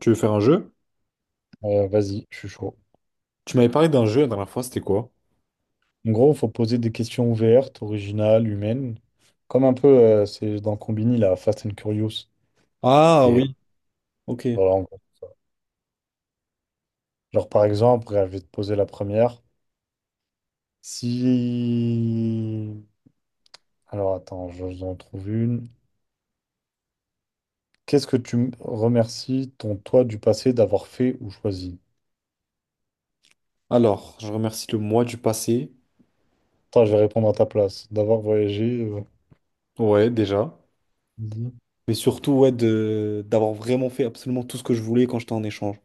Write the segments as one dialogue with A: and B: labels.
A: Tu veux faire un jeu?
B: Vas-y, je suis chaud.
A: Tu m'avais parlé d'un jeu la dernière fois, c'était quoi?
B: En gros, faut poser des questions ouvertes, originales, humaines. Comme un peu, c'est dans Combini, la Fast and Curious.
A: Ah
B: Et
A: oui, ok.
B: voilà, en gros. Genre, par exemple, je vais te poser la première. Si... Alors, attends, je vous en trouve une. Qu'est-ce que remercies ton toi du passé d'avoir fait ou choisi?
A: Alors, je remercie le moi du passé.
B: Attends, je vais répondre à ta place. D'avoir voyagé.
A: Ouais, déjà.
B: Vas-y.
A: Mais surtout, ouais, de d'avoir vraiment fait absolument tout ce que je voulais quand j'étais en échange.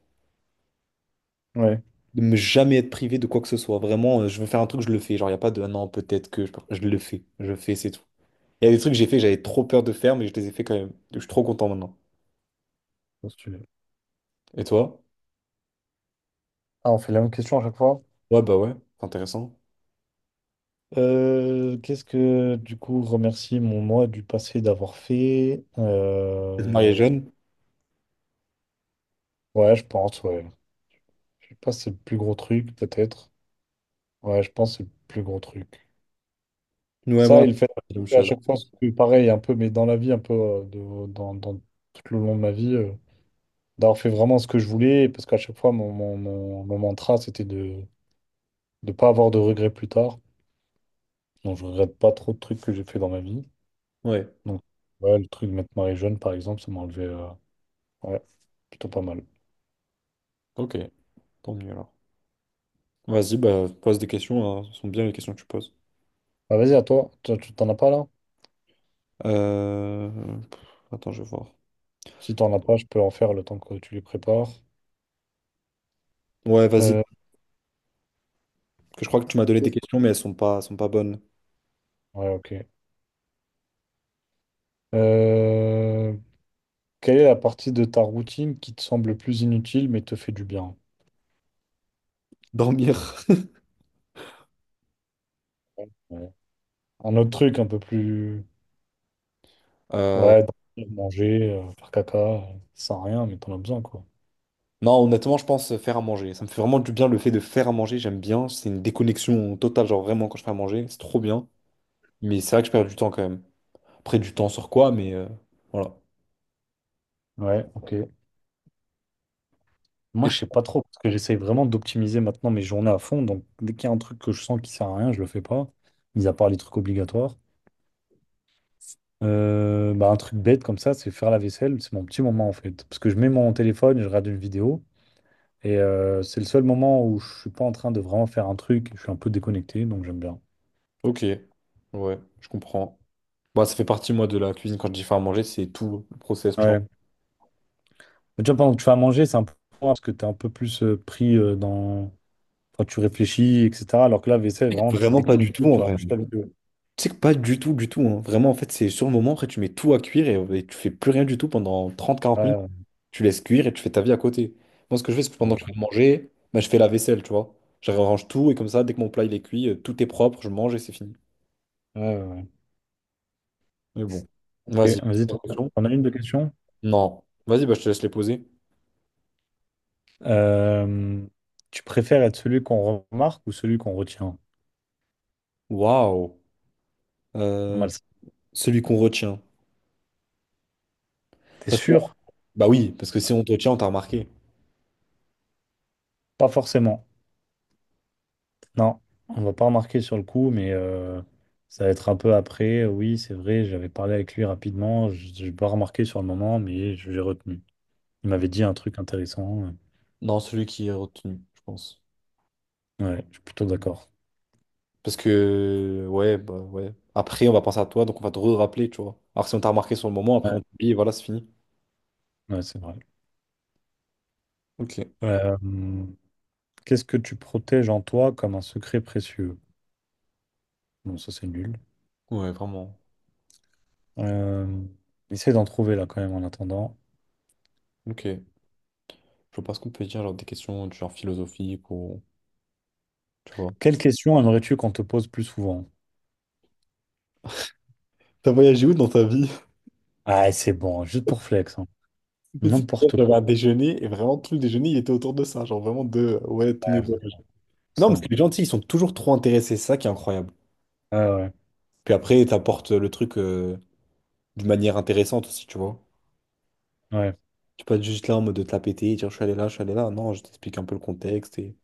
B: Ouais,
A: De me jamais être privé de quoi que ce soit. Vraiment, je veux faire un truc, je le fais. Genre, il a pas de Ah non, peut-être que je le fais. Je fais, c'est tout. Il y a des trucs que j'ai fait, j'avais trop peur de faire, mais je les ai fait quand même. Je suis trop content maintenant.
B: postulé.
A: Et toi?
B: Ah, on fait la même question à chaque fois?
A: Ouais, bah ouais, c'est intéressant.
B: Qu'est-ce que, du coup, remercier mon moi du passé d'avoir fait?
A: Marié jeune?
B: Ouais, je pense, ouais. Je sais pas, si c'est le plus gros truc, peut-être. Ouais, je pense que c'est le plus gros truc.
A: Ouais,
B: Ça,
A: moi,
B: et le fait
A: c'est la même
B: que à
A: chose.
B: chaque fois, c'est pareil, un peu, mais dans la vie, un peu, tout le long de ma vie, d'avoir fait vraiment ce que je voulais, parce qu'à chaque fois, mon mantra, c'était de ne pas avoir de regrets plus tard. Donc, je regrette pas trop de trucs que j'ai fait dans ma vie.
A: Ouais,
B: Donc, ouais, le truc de mettre marie jeune, par exemple, ça m'a enlevé. Ouais, plutôt pas mal.
A: ok, tant mieux alors. Vas-y, bah, pose des questions, hein. Ce sont bien les questions que tu poses.
B: Bah, vas-y, à toi. Toi, tu t'en as pas là?
A: Euh, pff, Attends, je vais voir.
B: Si t'en as pas, je peux en faire le temps que tu les prépares.
A: Ouais, vas-y. Parce
B: Euh,
A: que je crois que tu m'as donné des questions, mais elles sont pas bonnes.
B: Ouais, ok. Euh, Quelle est la partie de ta routine qui te semble le plus inutile mais te fait du bien?
A: Dormir.
B: Ouais. Un autre truc un peu plus...
A: Euh,
B: Ouais, dormir, manger, faire caca, ça sert à rien, mais t'en as besoin, quoi.
A: Non, honnêtement, je pense faire à manger. Ça me fait vraiment du bien le fait de faire à manger. J'aime bien. C'est une déconnexion totale. Genre, vraiment, quand je fais à manger, c'est trop bien. Mais c'est vrai que je perds du temps quand même. Après, du temps sur quoi, mais voilà.
B: Ouais, ok. Moi,
A: Et...
B: je sais pas trop, parce que j'essaye vraiment d'optimiser maintenant mes journées à fond. Donc, dès qu'il y a un truc que je sens qui sert à rien, je le fais pas, mis à part les trucs obligatoires. Un truc bête comme ça, c'est faire la vaisselle. C'est mon petit moment en fait. Parce que je mets mon téléphone et je regarde une vidéo. Et c'est le seul moment où je suis pas en train de vraiment faire un truc. Je suis un peu déconnecté, donc j'aime bien.
A: Ok. Ouais, je comprends. Bah, ça fait partie, moi, de la cuisine. Quand je dis faire à manger, c'est tout le process, tu vois.
B: Ouais. Mais tu vois, pendant que tu vas manger, c'est un peu moins parce que tu es un peu plus pris dans. Enfin, tu réfléchis, etc. Alors que là, vaisselle, vraiment, tu es
A: Vraiment pas du tout,
B: déconnecté,
A: en
B: tu regardes
A: vrai.
B: juste la vidéo.
A: Tu sais que pas du tout, du tout, hein. Vraiment, en fait, c'est sur le moment, après, tu mets tout à cuire et tu fais plus rien du tout pendant trente quarante
B: Ouais,
A: minutes.
B: ouais.
A: Tu laisses cuire et tu fais ta vie à côté. Moi, ce que je fais, c'est que
B: Ça
A: pendant
B: va.
A: que je vais manger, bah, je fais la vaisselle, tu vois. Je range tout et comme ça, dès que mon plat il est cuit, tout est propre, je mange et c'est fini.
B: Ouais, ouais, ouais.
A: Mais bon,
B: Ok,
A: vas-y.
B: vas-y, t'en as une de question?
A: Non. Vas-y, bah, je te laisse les poser.
B: Euh, tu préfères être celui qu'on remarque ou celui qu'on retient?
A: Waouh.
B: Pas
A: Euh,
B: mal, ça.
A: celui qu'on retient.
B: T'es
A: Parce que,
B: sûr?
A: bah oui, parce que si on te retient, on t'a remarqué.
B: Pas forcément. Non, on va pas remarquer sur le coup, mais ça va être un peu après. Oui, c'est vrai, j'avais parlé avec lui rapidement. Je n'ai pas remarqué sur le moment, mais je- j'ai retenu. Il m'avait dit un truc intéressant.
A: Non, celui qui est retenu, je pense.
B: Ouais, je suis plutôt d'accord.
A: Parce que, ouais, bah ouais. Après, on va penser à toi, donc on va te rappeler, tu vois. Alors que si on t'a remarqué sur le moment, après
B: Ouais,
A: on t'oublie et voilà, c'est fini.
B: ouais, c'est vrai.
A: Ok,
B: Euh, qu'est-ce que tu protèges en toi comme un secret précieux? Bon, ça c'est nul.
A: ouais, vraiment.
B: Euh, essaie d'en trouver là quand même en attendant.
A: Ok. Je vois pas ce qu'on peut dire, genre des questions du genre philosophique ou. Tu vois.
B: Quelle question aimerais-tu qu'on te pose plus souvent?
A: T'as voyagé où dans ta vie?
B: Ah, c'est bon, juste pour flex, hein.
A: Mais c'est bien,
B: N'importe
A: j'avais
B: quoi.
A: un déjeuner et vraiment tout le déjeuner il était autour de ça, genre vraiment de ouais, tous mes
B: Ouais,
A: voyages. Non, parce que
B: 100%.
A: les gens, tu sais, ils sont toujours trop intéressés, c'est ça qui est incroyable.
B: Ouais, ouais.
A: Puis après, t'apportes le truc d'une manière intéressante aussi, tu vois.
B: ouais.
A: Tu peux pas être juste là en mode de te la péter et dire je suis allé là, je suis allé là. Non, je t'explique un peu le contexte et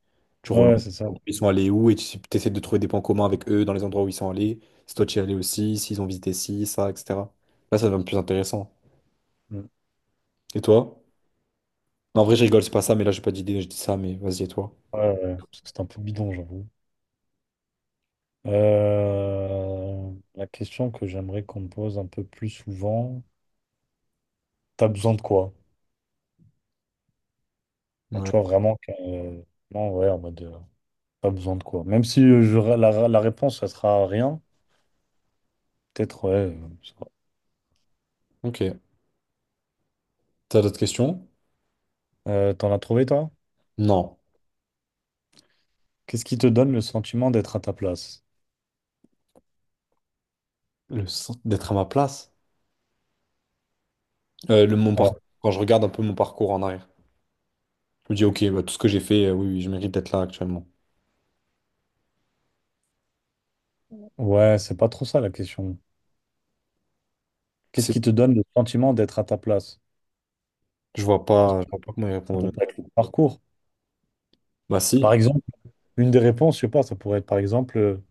A: tu relances.
B: Ouais, c'est ça.
A: Ils sont allés où et tu essaies de trouver des points communs avec eux dans les endroits où ils sont allés. Si toi tu y es allé aussi, s'ils ont visité ci, ça, etc. Là, ça devient plus intéressant.
B: Mm.
A: Et toi? Non, en vrai, je rigole, c'est pas ça, mais là, j'ai pas d'idée, je dis ça, mais vas-y, et toi?
B: Ouais, ouais, ouais, parce que c'est un peu bidon, j'avoue. La question que j'aimerais qu'on me pose un peu plus souvent, t'as besoin de quoi? Alors, tu
A: Ouais.
B: vois, vraiment, non, ouais, en mode, t'as besoin de quoi? Même si la réponse, ça sera rien, peut-être, ouais. Je sais pas.
A: Ok. T'as d'autres questions?
B: T'en as trouvé, toi?
A: Non.
B: Qu'est-ce qui te donne le sentiment d'être à ta place?
A: Le sens d'être à ma place. Le, mon
B: Ouais.
A: parcours, quand je regarde un peu mon parcours en arrière, je me dis, ok, bah, tout ce que j'ai fait, oui, oui, je mérite d'être là actuellement.
B: Ouais, c'est pas trop ça la question. Qu'est-ce
A: C'est-
B: qui te donne le sentiment d'être à ta place?
A: Je vois pas comment y
B: Ça peut
A: répondre.
B: pas être le parcours.
A: Bah
B: Par
A: si.
B: exemple, une des réponses, je sais pas, ça pourrait être par exemple.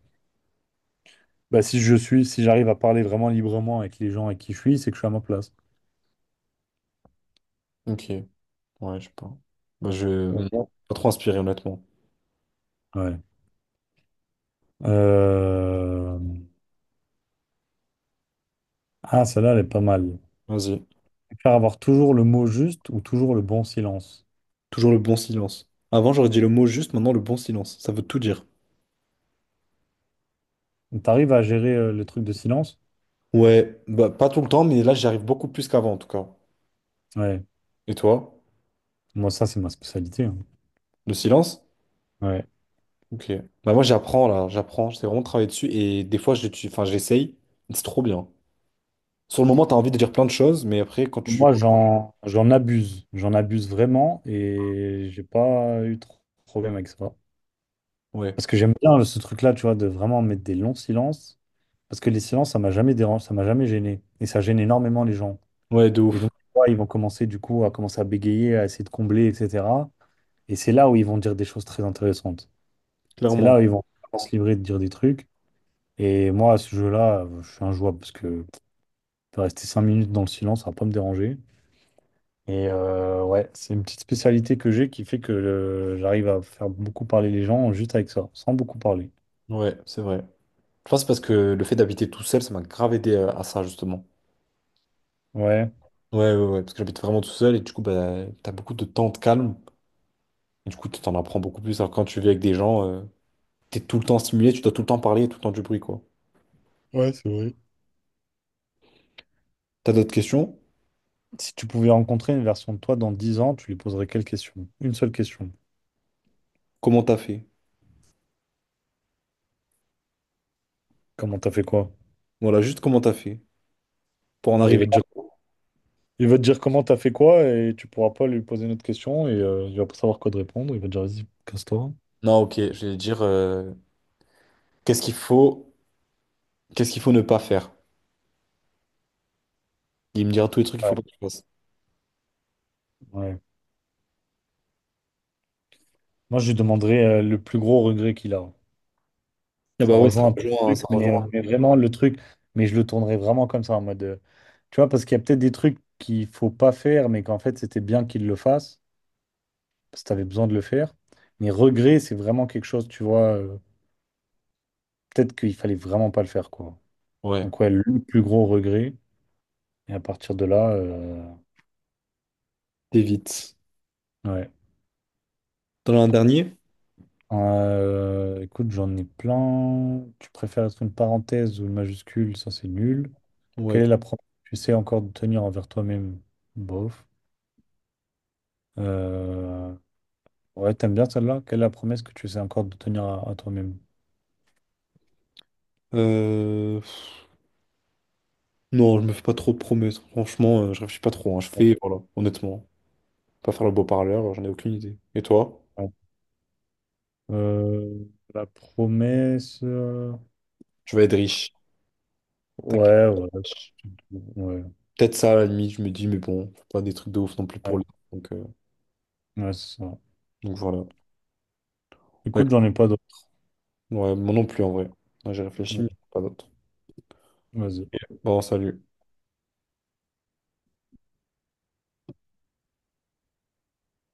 B: Bah, si je suis, si j'arrive à parler vraiment librement avec les gens avec qui je suis, c'est que je suis à ma place.
A: Ok, ouais, je sais pas. Moi, je...
B: Ouais.
A: Pas trop inspiré, honnêtement.
B: Ouais. Euh, Ah, celle-là, elle est pas mal.
A: Vas-y.
B: Faire avoir toujours le mot juste ou toujours le bon silence.
A: Toujours le bon silence. Avant, j'aurais dit le mot juste, maintenant, le bon silence. Ça veut tout dire.
B: T'arrives à gérer le truc de silence?
A: Ouais, bah, pas tout le temps, mais là, j'y arrive beaucoup plus qu'avant, en tout cas.
B: Ouais.
A: Et toi?
B: Moi, ça, c'est ma spécialité. Hein.
A: Le silence?
B: Ouais.
A: Ok. Bah, moi, j'apprends, là. J'apprends. J'essaie vraiment de travailler dessus. Et des fois, je l'utilise- enfin, j'essaye. C'est trop bien. Sur le moment, t'as envie de dire plein de choses, mais après, quand tu...
B: Moi, j'en abuse. J'en abuse vraiment et j'ai pas eu trop de problème avec ça.
A: Ouais.
B: Parce que j'aime bien ce truc-là, tu vois, de vraiment mettre des longs silences. Parce que les silences, ça m'a jamais dérangé, ça m'a jamais gêné. Et ça gêne énormément les gens.
A: Ouais, de
B: Et donc,
A: ouf.
B: tu vois, ils vont commencer du coup à commencer à bégayer, à essayer de combler, etc. Et c'est là où ils vont dire des choses très intéressantes. C'est
A: Clairement.
B: là où ils vont vraiment se livrer de dire des trucs. Et moi, à ce jeu-là, je suis injouable parce que de rester 5 minutes dans le silence, ça va pas me déranger. Et ouais, c'est une petite spécialité que j'ai qui fait que j'arrive à faire beaucoup parler les gens juste avec ça, sans beaucoup parler.
A: Ouais, c'est vrai. Je pense parce que le fait d'habiter tout seul, ça m'a grave aidé à ça, justement.
B: Ouais.
A: Ouais, ouais, ouais, parce que j'habite vraiment tout seul et du coup, bah, t'as beaucoup de temps de calme. Et du coup, tu t'en apprends beaucoup plus. Alors, quand tu vis avec des gens, t'es tout le temps stimulé, tu dois tout le temps parler, tout le temps du bruit, quoi.
B: Ouais, c'est vrai.
A: T'as d'autres questions?
B: Si tu pouvais rencontrer une version de toi dans 10 ans, tu lui poserais quelle question? Une seule question.
A: Comment t'as fait?
B: Comment t'as fait quoi?
A: Voilà, juste comment t'as fait pour en
B: Bah, il
A: arriver
B: va te dire.
A: là.
B: Il va te dire comment t'as fait quoi et tu pourras pas lui poser une autre question et il va pas savoir quoi te répondre. Il va te dire, vas-y, casse-toi.
A: Non, ok, je vais dire qu'est-ce qu'il faut, qu'est-ce qu'il faut ne pas faire. Il me dira tous les trucs qu'il faut
B: Ouais.
A: pas que tu fasses.
B: Ouais. Moi, je lui demanderais le plus gros regret qu'il a.
A: Ah
B: Ça
A: bah ouais, ça
B: rejoint un peu
A: rejoint, hein,
B: le
A: ça
B: truc,
A: rejoint.
B: mais vraiment le truc, mais je le tournerais vraiment comme ça en mode, tu vois, parce qu'il y a peut-être des trucs qu'il faut pas faire, mais qu'en fait, c'était bien qu'il le fasse, parce que t'avais besoin de le faire. Mais regret, c'est vraiment quelque chose, tu vois, peut-être qu'il fallait vraiment pas le faire, quoi.
A: Ouais,
B: Donc, ouais, le plus gros regret. Et à partir de là,
A: t'évites.
B: ouais.
A: T'en as un dernier?
B: Écoute, j'en ai plein. Tu préfères être une parenthèse ou une majuscule? Ça, c'est nul.
A: Ouais.
B: Quelle est la promesse que tu sais encore de tenir envers toi-même? Bof. Euh, Ouais, t'aimes bien celle-là? Quelle est la promesse que tu sais encore de tenir à toi-même?
A: Euh, pff, Non, je me fais pas trop de promesses. Franchement, je réfléchis pas trop, hein. Je fais, voilà, honnêtement. Pas faire le beau parleur, j'en ai aucune idée. Et toi?
B: Ouais. Euh, la promesse.
A: Je vais être riche. Tac.
B: Ouais, ouais. Ouais,
A: Peut-être ça, à la limite, je me dis, mais bon, faut pas des trucs de ouf non plus
B: ouais,
A: pour lui. Donc, euh,
B: ouais, c'est ça.
A: donc voilà. Ouais.
B: Écoute, j'en ai pas d'autres.
A: Ouais, moi non plus, en vrai. Ouais, j'ai réfléchi,
B: Ouais,
A: mais pas d'autre.
B: Vas-y.
A: Bon, salut.